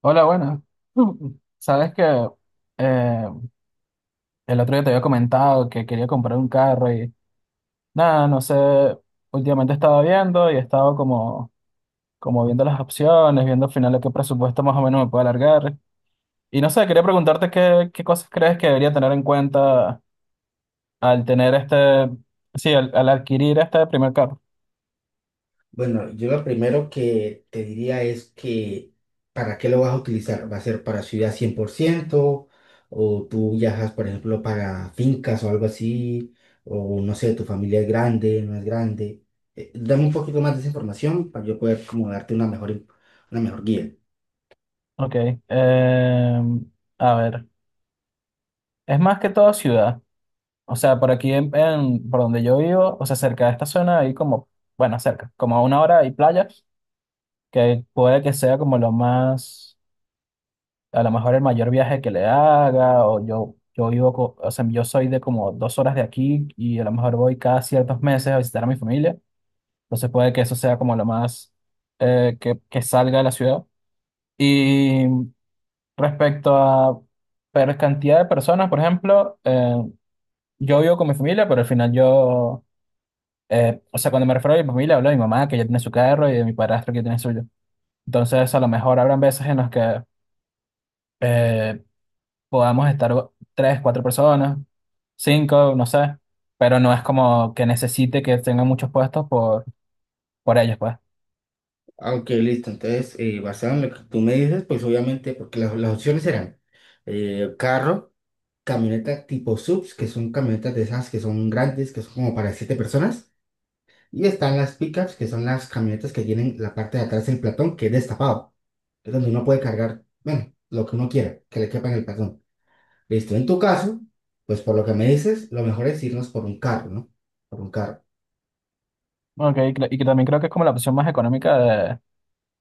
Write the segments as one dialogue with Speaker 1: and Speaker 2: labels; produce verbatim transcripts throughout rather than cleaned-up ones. Speaker 1: Hola, bueno. Sabes que eh, el otro día te había comentado que quería comprar un carro y nada, no sé, últimamente estaba viendo y he estado como, como viendo las opciones, viendo al final a qué presupuesto más o menos me puedo alargar. Y no sé, quería preguntarte qué, qué cosas crees que debería tener en cuenta al tener este, sí, al, al adquirir este primer carro.
Speaker 2: Bueno, yo lo primero que te diría es que, ¿para qué lo vas a utilizar? ¿Va a ser para ciudad cien por ciento? ¿O tú viajas, por ejemplo, para fincas o algo así? ¿O no sé, tu familia es grande, no es grande? Eh, dame un poquito más de esa información para yo poder como darte una mejor, una mejor guía.
Speaker 1: Ok, eh, a ver, es más que todo ciudad. O sea, por aquí, en, en- por donde yo vivo, o sea, cerca de esta zona hay como, bueno, cerca, como a una hora hay playas, que puede que sea como lo más, a lo mejor el mayor viaje que le haga, o yo, yo vivo, co- o sea, yo soy de como dos horas de aquí y a lo mejor voy cada ciertos meses a visitar a mi familia, entonces puede que eso sea como lo más eh, que, que salga de la ciudad. Y respecto a per cantidad de personas, por ejemplo, eh, yo vivo con mi familia, pero al final yo... Eh, o sea, cuando me refiero a mi familia, hablo de mi mamá, que ya tiene su carro, y de mi padrastro, que tiene suyo. Entonces, a lo mejor habrán veces en las que eh, podamos estar tres, cuatro personas, cinco, no sé, pero no es como que necesite que tengan muchos puestos por, por ellos, pues.
Speaker 2: Aunque listo, entonces, eh, basado en lo que tú me dices, pues obviamente, porque las, las opciones eran eh, carro, camioneta tipo S U Vs, que son camionetas de esas que son grandes, que son como para siete personas. Y están las pickups, que son las camionetas que tienen la parte de atrás del platón, que es destapado. Es donde uno puede cargar, bueno, lo que uno quiera, que le quepa en el platón. Listo, en tu caso, pues por lo que me dices, lo mejor es irnos por un carro, ¿no? Por un carro.
Speaker 1: Ok, y cre- y que también creo que es como la opción más económica de-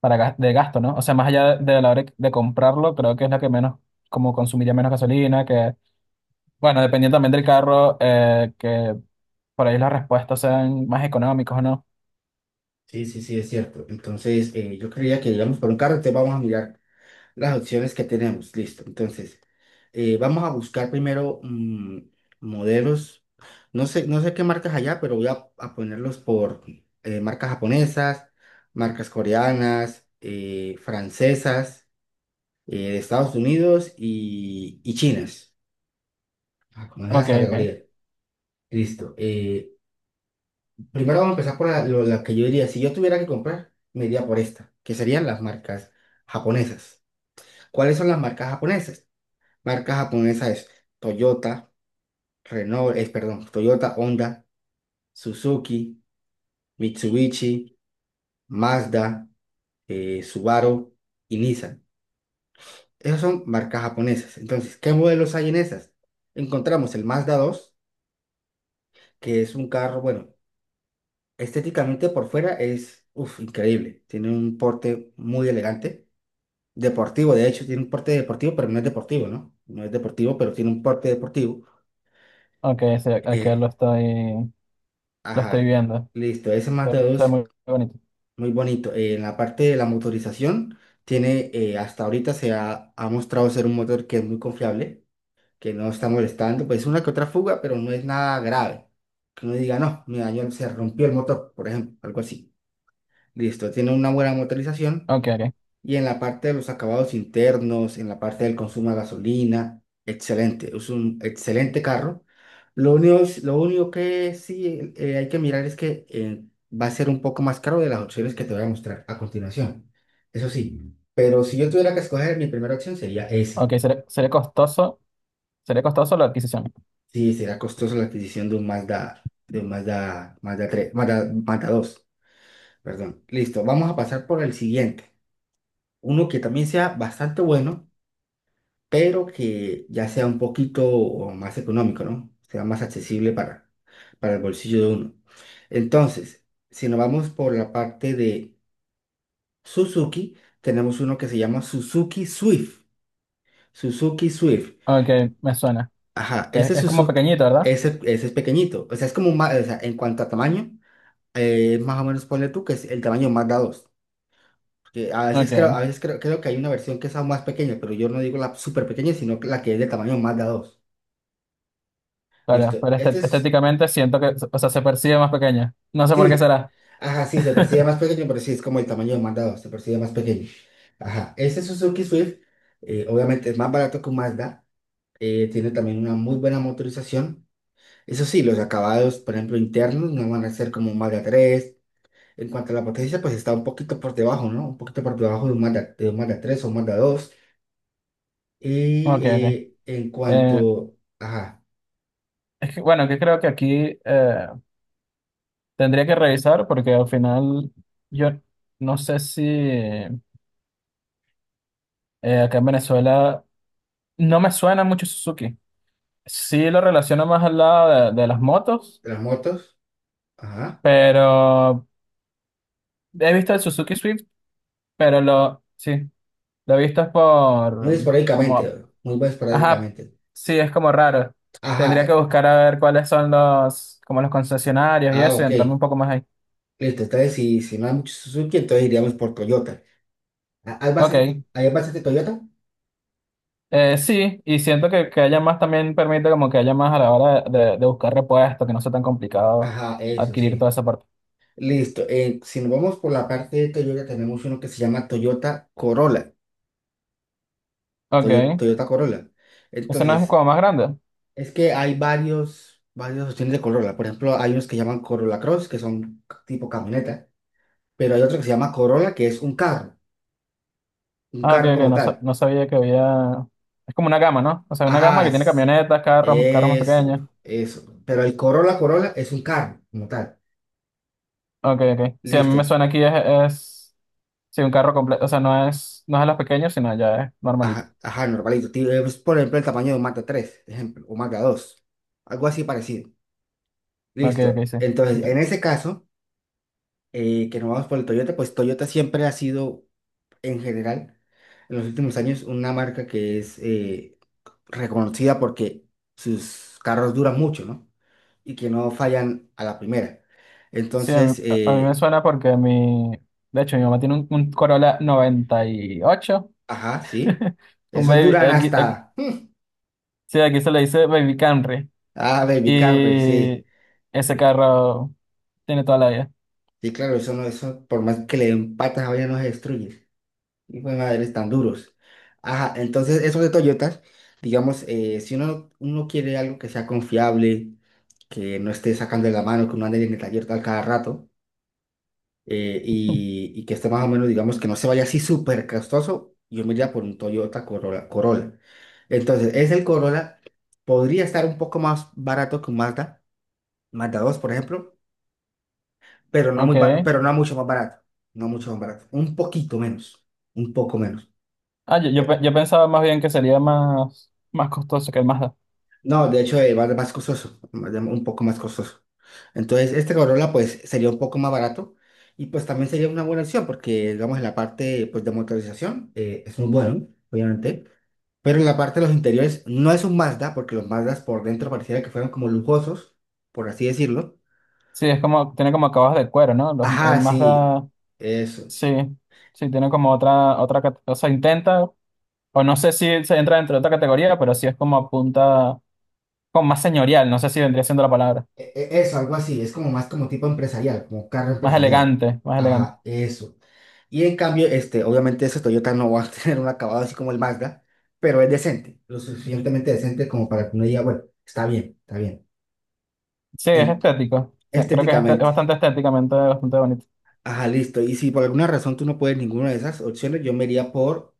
Speaker 1: para gas- de gasto, ¿no? O sea, más allá de la hora de comprarlo, creo que es la que menos, como consumiría menos gasolina, que, bueno, dependiendo también del carro, eh, que por ahí las respuestas sean más económicas o no.
Speaker 2: Sí, sí, sí, es cierto. Entonces, eh, yo creía que íbamos por un carro, entonces vamos a mirar las opciones que tenemos. Listo. Entonces, eh, vamos a buscar primero mm, modelos. No sé, no sé qué marcas allá, pero voy a, a ponerlos por eh, marcas japonesas, marcas coreanas, eh, francesas, eh, de Estados Unidos y, y chinas. Ah, como
Speaker 1: Ok,
Speaker 2: esas
Speaker 1: ok.
Speaker 2: categorías. Listo. Eh, primero vamos a empezar por la, lo- la que yo diría, si yo tuviera que comprar, me iría por esta, que serían las marcas japonesas. ¿Cuáles son las marcas japonesas? Marcas japonesas es Toyota, Renault, es perdón, Toyota, Honda, Suzuki, Mitsubishi, Mazda, eh, Subaru y Nissan. Esas son marcas japonesas. Entonces, ¿qué modelos hay en esas? Encontramos el Mazda dos, que es un carro, bueno, estéticamente por fuera es, uf, increíble. Tiene un porte muy elegante, deportivo, de hecho, tiene un porte deportivo, pero no es deportivo, ¿no? No es deportivo, pero tiene un porte deportivo.
Speaker 1: Ok, sí, aquí
Speaker 2: Eh,
Speaker 1: lo estoy, lo estoy
Speaker 2: ajá,
Speaker 1: viendo.
Speaker 2: listo, ese
Speaker 1: Se
Speaker 2: Mazda
Speaker 1: ve se ve
Speaker 2: dos.
Speaker 1: muy bonito.
Speaker 2: Muy bonito. Eh, en la parte de la motorización, tiene, eh, hasta ahorita se ha, ha mostrado ser un motor que es muy confiable, que no está molestando, pues una que otra fuga, pero no es nada grave. Que uno diga, no, me dañó, se rompió el motor, por ejemplo, algo así. Listo, tiene una buena motorización.
Speaker 1: Ok, ok.
Speaker 2: Y en la parte de los acabados internos, en la parte del consumo de gasolina, excelente. Es un excelente carro. Lo único, lo único que sí eh, hay que mirar es que eh, va a ser un poco más caro de las opciones que te voy a mostrar a continuación. Eso sí, pero si yo tuviera que escoger, mi primera opción sería esa.
Speaker 1: Ok, sería, sería costoso. Sería costoso la adquisición.
Speaker 2: Sí, será costoso la adquisición de un Mazda, de un Mazda, Mazda tres, Mazda, Mazda dos perdón. Listo, vamos a pasar por el siguiente. Uno que también sea bastante bueno pero que ya sea un poquito o más económico, ¿no? Sea más accesible para, para el bolsillo de uno. Entonces, si nos vamos por la parte de Suzuki, tenemos uno que se llama Suzuki Swift. Suzuki Swift.
Speaker 1: Ok, me suena.
Speaker 2: Ajá,
Speaker 1: Que es,
Speaker 2: ese
Speaker 1: es como
Speaker 2: Suzuki,
Speaker 1: pequeñito, ¿verdad?
Speaker 2: ese, ese es pequeñito. O sea, es como más, o sea, en cuanto a tamaño, eh, más o menos ponle tú que es el tamaño Mazda dos. Que a veces creo,
Speaker 1: Ok,
Speaker 2: a veces creo, creo que hay una versión que es aún más pequeña, pero yo no digo la súper pequeña, sino que la que es de tamaño Mazda dos.
Speaker 1: claro,
Speaker 2: Listo.
Speaker 1: pero
Speaker 2: Este
Speaker 1: este-
Speaker 2: es
Speaker 1: estéticamente siento que, o sea, se percibe más pequeña. No sé por qué
Speaker 2: Sí,
Speaker 1: será.
Speaker 2: ajá, sí, se percibe más pequeño, pero sí, es como el tamaño demandado, se percibe más pequeño. Ajá, este Suzuki Swift, eh, obviamente es más barato que un Mazda, eh, tiene también una muy buena motorización. Eso sí, los acabados, por ejemplo, internos no van a ser como un Mazda tres. En cuanto a la potencia, pues está un poquito por debajo, ¿no? Un poquito por debajo de un Mazda, de un Mazda tres o un Mazda dos. Y
Speaker 1: Ok, ok.
Speaker 2: eh, en cuanto,
Speaker 1: Eh,
Speaker 2: ajá,
Speaker 1: es que, bueno, que creo que aquí eh, tendría que revisar porque al final yo no sé si eh, acá en Venezuela no me suena mucho Suzuki. Sí lo relaciono más al lado de, de las motos,
Speaker 2: las motos, ajá,
Speaker 1: pero he visto el Suzuki Swift, pero lo, sí, lo he visto es
Speaker 2: muy
Speaker 1: por, mm,
Speaker 2: esporádicamente,
Speaker 1: como,
Speaker 2: muy
Speaker 1: ajá,
Speaker 2: esporádicamente.
Speaker 1: sí, es como raro.
Speaker 2: Ajá,
Speaker 1: Tendría que
Speaker 2: eh,
Speaker 1: buscar a ver cuáles son los, como los concesionarios y
Speaker 2: ah,
Speaker 1: eso, y
Speaker 2: ok.
Speaker 1: entrarme un poco más ahí.
Speaker 2: Listo, entonces si, si no hay mucho Suzuki, entonces iríamos por Toyota. Ah, ¿Hay
Speaker 1: Ok,
Speaker 2: bases, de, hay bases de Toyota?
Speaker 1: eh, sí, y siento que, que haya más también permite como que haya más a la hora de, de- de buscar repuestos, que no sea tan complicado
Speaker 2: Ajá, eso
Speaker 1: adquirir toda
Speaker 2: sí.
Speaker 1: esa parte.
Speaker 2: Listo. Eh, si nos vamos por la parte de Toyota, tenemos uno que se llama Toyota Corolla. Toyo-
Speaker 1: Ok,
Speaker 2: Toyota, Corolla.
Speaker 1: ¿eso no es
Speaker 2: Entonces,
Speaker 1: como más grande?
Speaker 2: es que hay varios, varios opciones de Corolla. Por ejemplo, hay unos que llaman Corolla Cross, que son tipo camioneta. Pero hay otro que se llama Corolla, que es un carro. Un
Speaker 1: Ah, ok,
Speaker 2: carro
Speaker 1: ok,
Speaker 2: como
Speaker 1: no, sa-
Speaker 2: tal.
Speaker 1: no sabía que había... Es como una gama, ¿no? O sea, una gama
Speaker 2: Ajá,
Speaker 1: que tiene
Speaker 2: s-
Speaker 1: camionetas, carros, carros más
Speaker 2: eso,
Speaker 1: pequeños.
Speaker 2: eso. Pero el Corolla Corolla es un carro como tal.
Speaker 1: Ok, ok. Sí, a mí me
Speaker 2: Listo.
Speaker 1: suena aquí es... es... Sí, un carro completo, o sea, no es, no es de los pequeños, sino ya es normalito.
Speaker 2: Ajá, ajá, normalito. Ti- eh, pues, por ejemplo, el tamaño de un Mazda tres ejemplo, o Mazda dos algo así parecido.
Speaker 1: Ok,
Speaker 2: Listo.
Speaker 1: ok, sí.
Speaker 2: Entonces, en
Speaker 1: Entiendo.
Speaker 2: ese caso, eh, que nos vamos por el Toyota, pues Toyota siempre ha sido, en general, en los últimos años, una marca que es eh, reconocida porque sus carros duran mucho, ¿no? Y que no fallan a la primera.
Speaker 1: Sí, a mí,
Speaker 2: Entonces,
Speaker 1: a- a mí me
Speaker 2: eh,
Speaker 1: suena porque mi... De hecho, mi mamá tiene un, un Corolla noventa y ocho.
Speaker 2: ajá, sí.
Speaker 1: Un
Speaker 2: Esos
Speaker 1: baby...
Speaker 2: duran
Speaker 1: Aquí, aquí-
Speaker 2: hasta...
Speaker 1: sí, aquí se le dice Baby Camry.
Speaker 2: Ah, Baby Camry, sí.
Speaker 1: Y ese carro tiene toda la vida.
Speaker 2: Sí, claro, eso no, eso, por más que le den patas a no se destruye. Y pues madres tan duros. Ajá, entonces eso de Toyotas, digamos, eh, si uno, uno quiere algo que sea confiable, que no esté sacando de la mano, que uno ande en el taller tal cada rato, eh, y, y que esté más o menos, digamos, que no se vaya así súper costoso, yo me iría por un Toyota Corolla, Corolla. Entonces, es el Corolla, podría estar un poco más barato que un Mazda, Mazda dos, por ejemplo, pero no muy bar-
Speaker 1: Ok.
Speaker 2: pero no mucho más barato, no mucho más barato, un poquito menos, un poco menos.
Speaker 1: Ah, yo, yo, pe-
Speaker 2: Eh,
Speaker 1: yo pensaba más bien que sería más, más costoso que el Mazda.
Speaker 2: no, de hecho, eh, va a ser más costoso, más de- un poco más costoso. Entonces, este Corolla, pues, sería un poco más barato y, pues, también sería una buena opción porque, digamos, en la parte, pues, de motorización eh, es muy bueno, obviamente, pero en la parte de los interiores no es un Mazda porque los Mazdas por dentro pareciera que fueran como lujosos, por así decirlo.
Speaker 1: Sí, es como, tiene como acabados de cuero, ¿no? Los- el
Speaker 2: Ajá, sí,
Speaker 1: Mazda,
Speaker 2: eso.
Speaker 1: sí, sí, tiene como otra, otra, cate- o sea, intenta, o no sé si se entra dentro de otra categoría, pero sí es como apunta, como más señorial, no sé si vendría siendo la palabra,
Speaker 2: E- e- Eso, algo así, es como más como tipo empresarial, como carro
Speaker 1: más
Speaker 2: empresarial.
Speaker 1: elegante, más elegante.
Speaker 2: Ajá, eso. Y en cambio, este, obviamente ese Toyota no va a tener un acabado así como el Mazda, pero es decente, lo suficientemente decente como para que uno diga, bueno, está bien, está bien,
Speaker 1: Sí, es
Speaker 2: En-
Speaker 1: estético, sí, creo que es, este- es
Speaker 2: estéticamente.
Speaker 1: bastante estéticamente, bastante bonito.
Speaker 2: Ajá, listo. Y si por alguna razón tú no puedes ninguna de esas opciones, yo me iría por,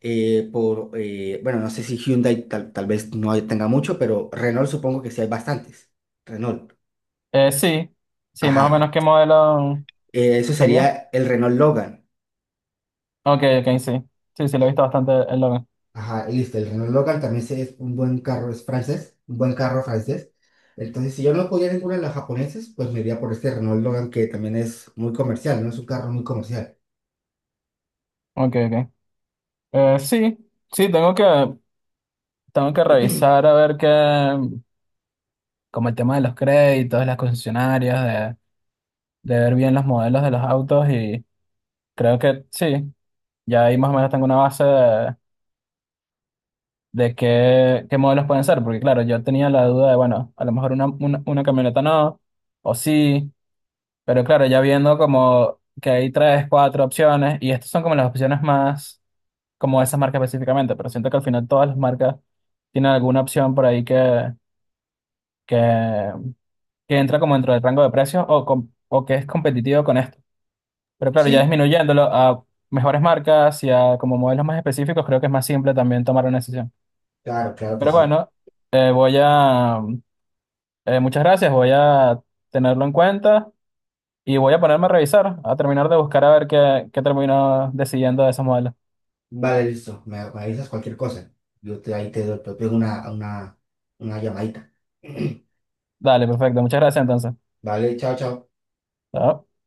Speaker 2: eh, por eh, bueno, no sé si Hyundai tal, tal vez no hay- tenga mucho, pero Renault supongo que sí hay bastantes. Renault.
Speaker 1: Eh, sí, sí, más o menos
Speaker 2: Ajá.
Speaker 1: qué modelo
Speaker 2: Eh, eso
Speaker 1: sería.
Speaker 2: sería el Renault Logan.
Speaker 1: Ok, ok, sí, sí, sí, lo he visto bastante el logo.
Speaker 2: Ajá, y listo, el Renault Logan también se- es un buen carro, es francés, un buen carro francés. Entonces, si yo no podía ninguna de las japonesas, pues me iría por este Renault Logan que también es muy comercial, ¿no? Es un carro muy comercial.
Speaker 1: Ok, ok. Eh, sí, sí, tengo que, tengo que revisar a ver qué, como el tema de los créditos, de las concesionarias, de, de ver bien los modelos de los autos y creo que sí, ya ahí más o menos tengo una base de, de qué, qué modelos pueden ser, porque claro, yo tenía la duda de, bueno, a lo mejor una, una, una camioneta no, o sí, pero claro, ya viendo como que hay tres, cuatro opciones y estas son como las opciones más, como esas marcas específicamente, pero siento que al final todas las marcas tienen alguna opción por ahí que que, que entra como dentro del rango de precios o, com- o que es competitivo con esto. Pero claro, ya
Speaker 2: Sí,
Speaker 1: disminuyéndolo a mejores marcas y a como modelos más específicos, creo que es más simple también tomar una decisión.
Speaker 2: claro, claro que
Speaker 1: Pero
Speaker 2: sí.
Speaker 1: bueno, eh, voy a, eh, muchas gracias, voy a tenerlo en cuenta y voy a ponerme a revisar, a terminar de buscar a ver qué, qué termino decidiendo de esos modelos.
Speaker 2: Vale, listo, me, me avisas cualquier cosa. Yo te, ahí te, doy- Te pego una, una, una llamadita.
Speaker 1: Dale, perfecto, muchas gracias entonces.
Speaker 2: Vale, chao, chao.
Speaker 1: Chao.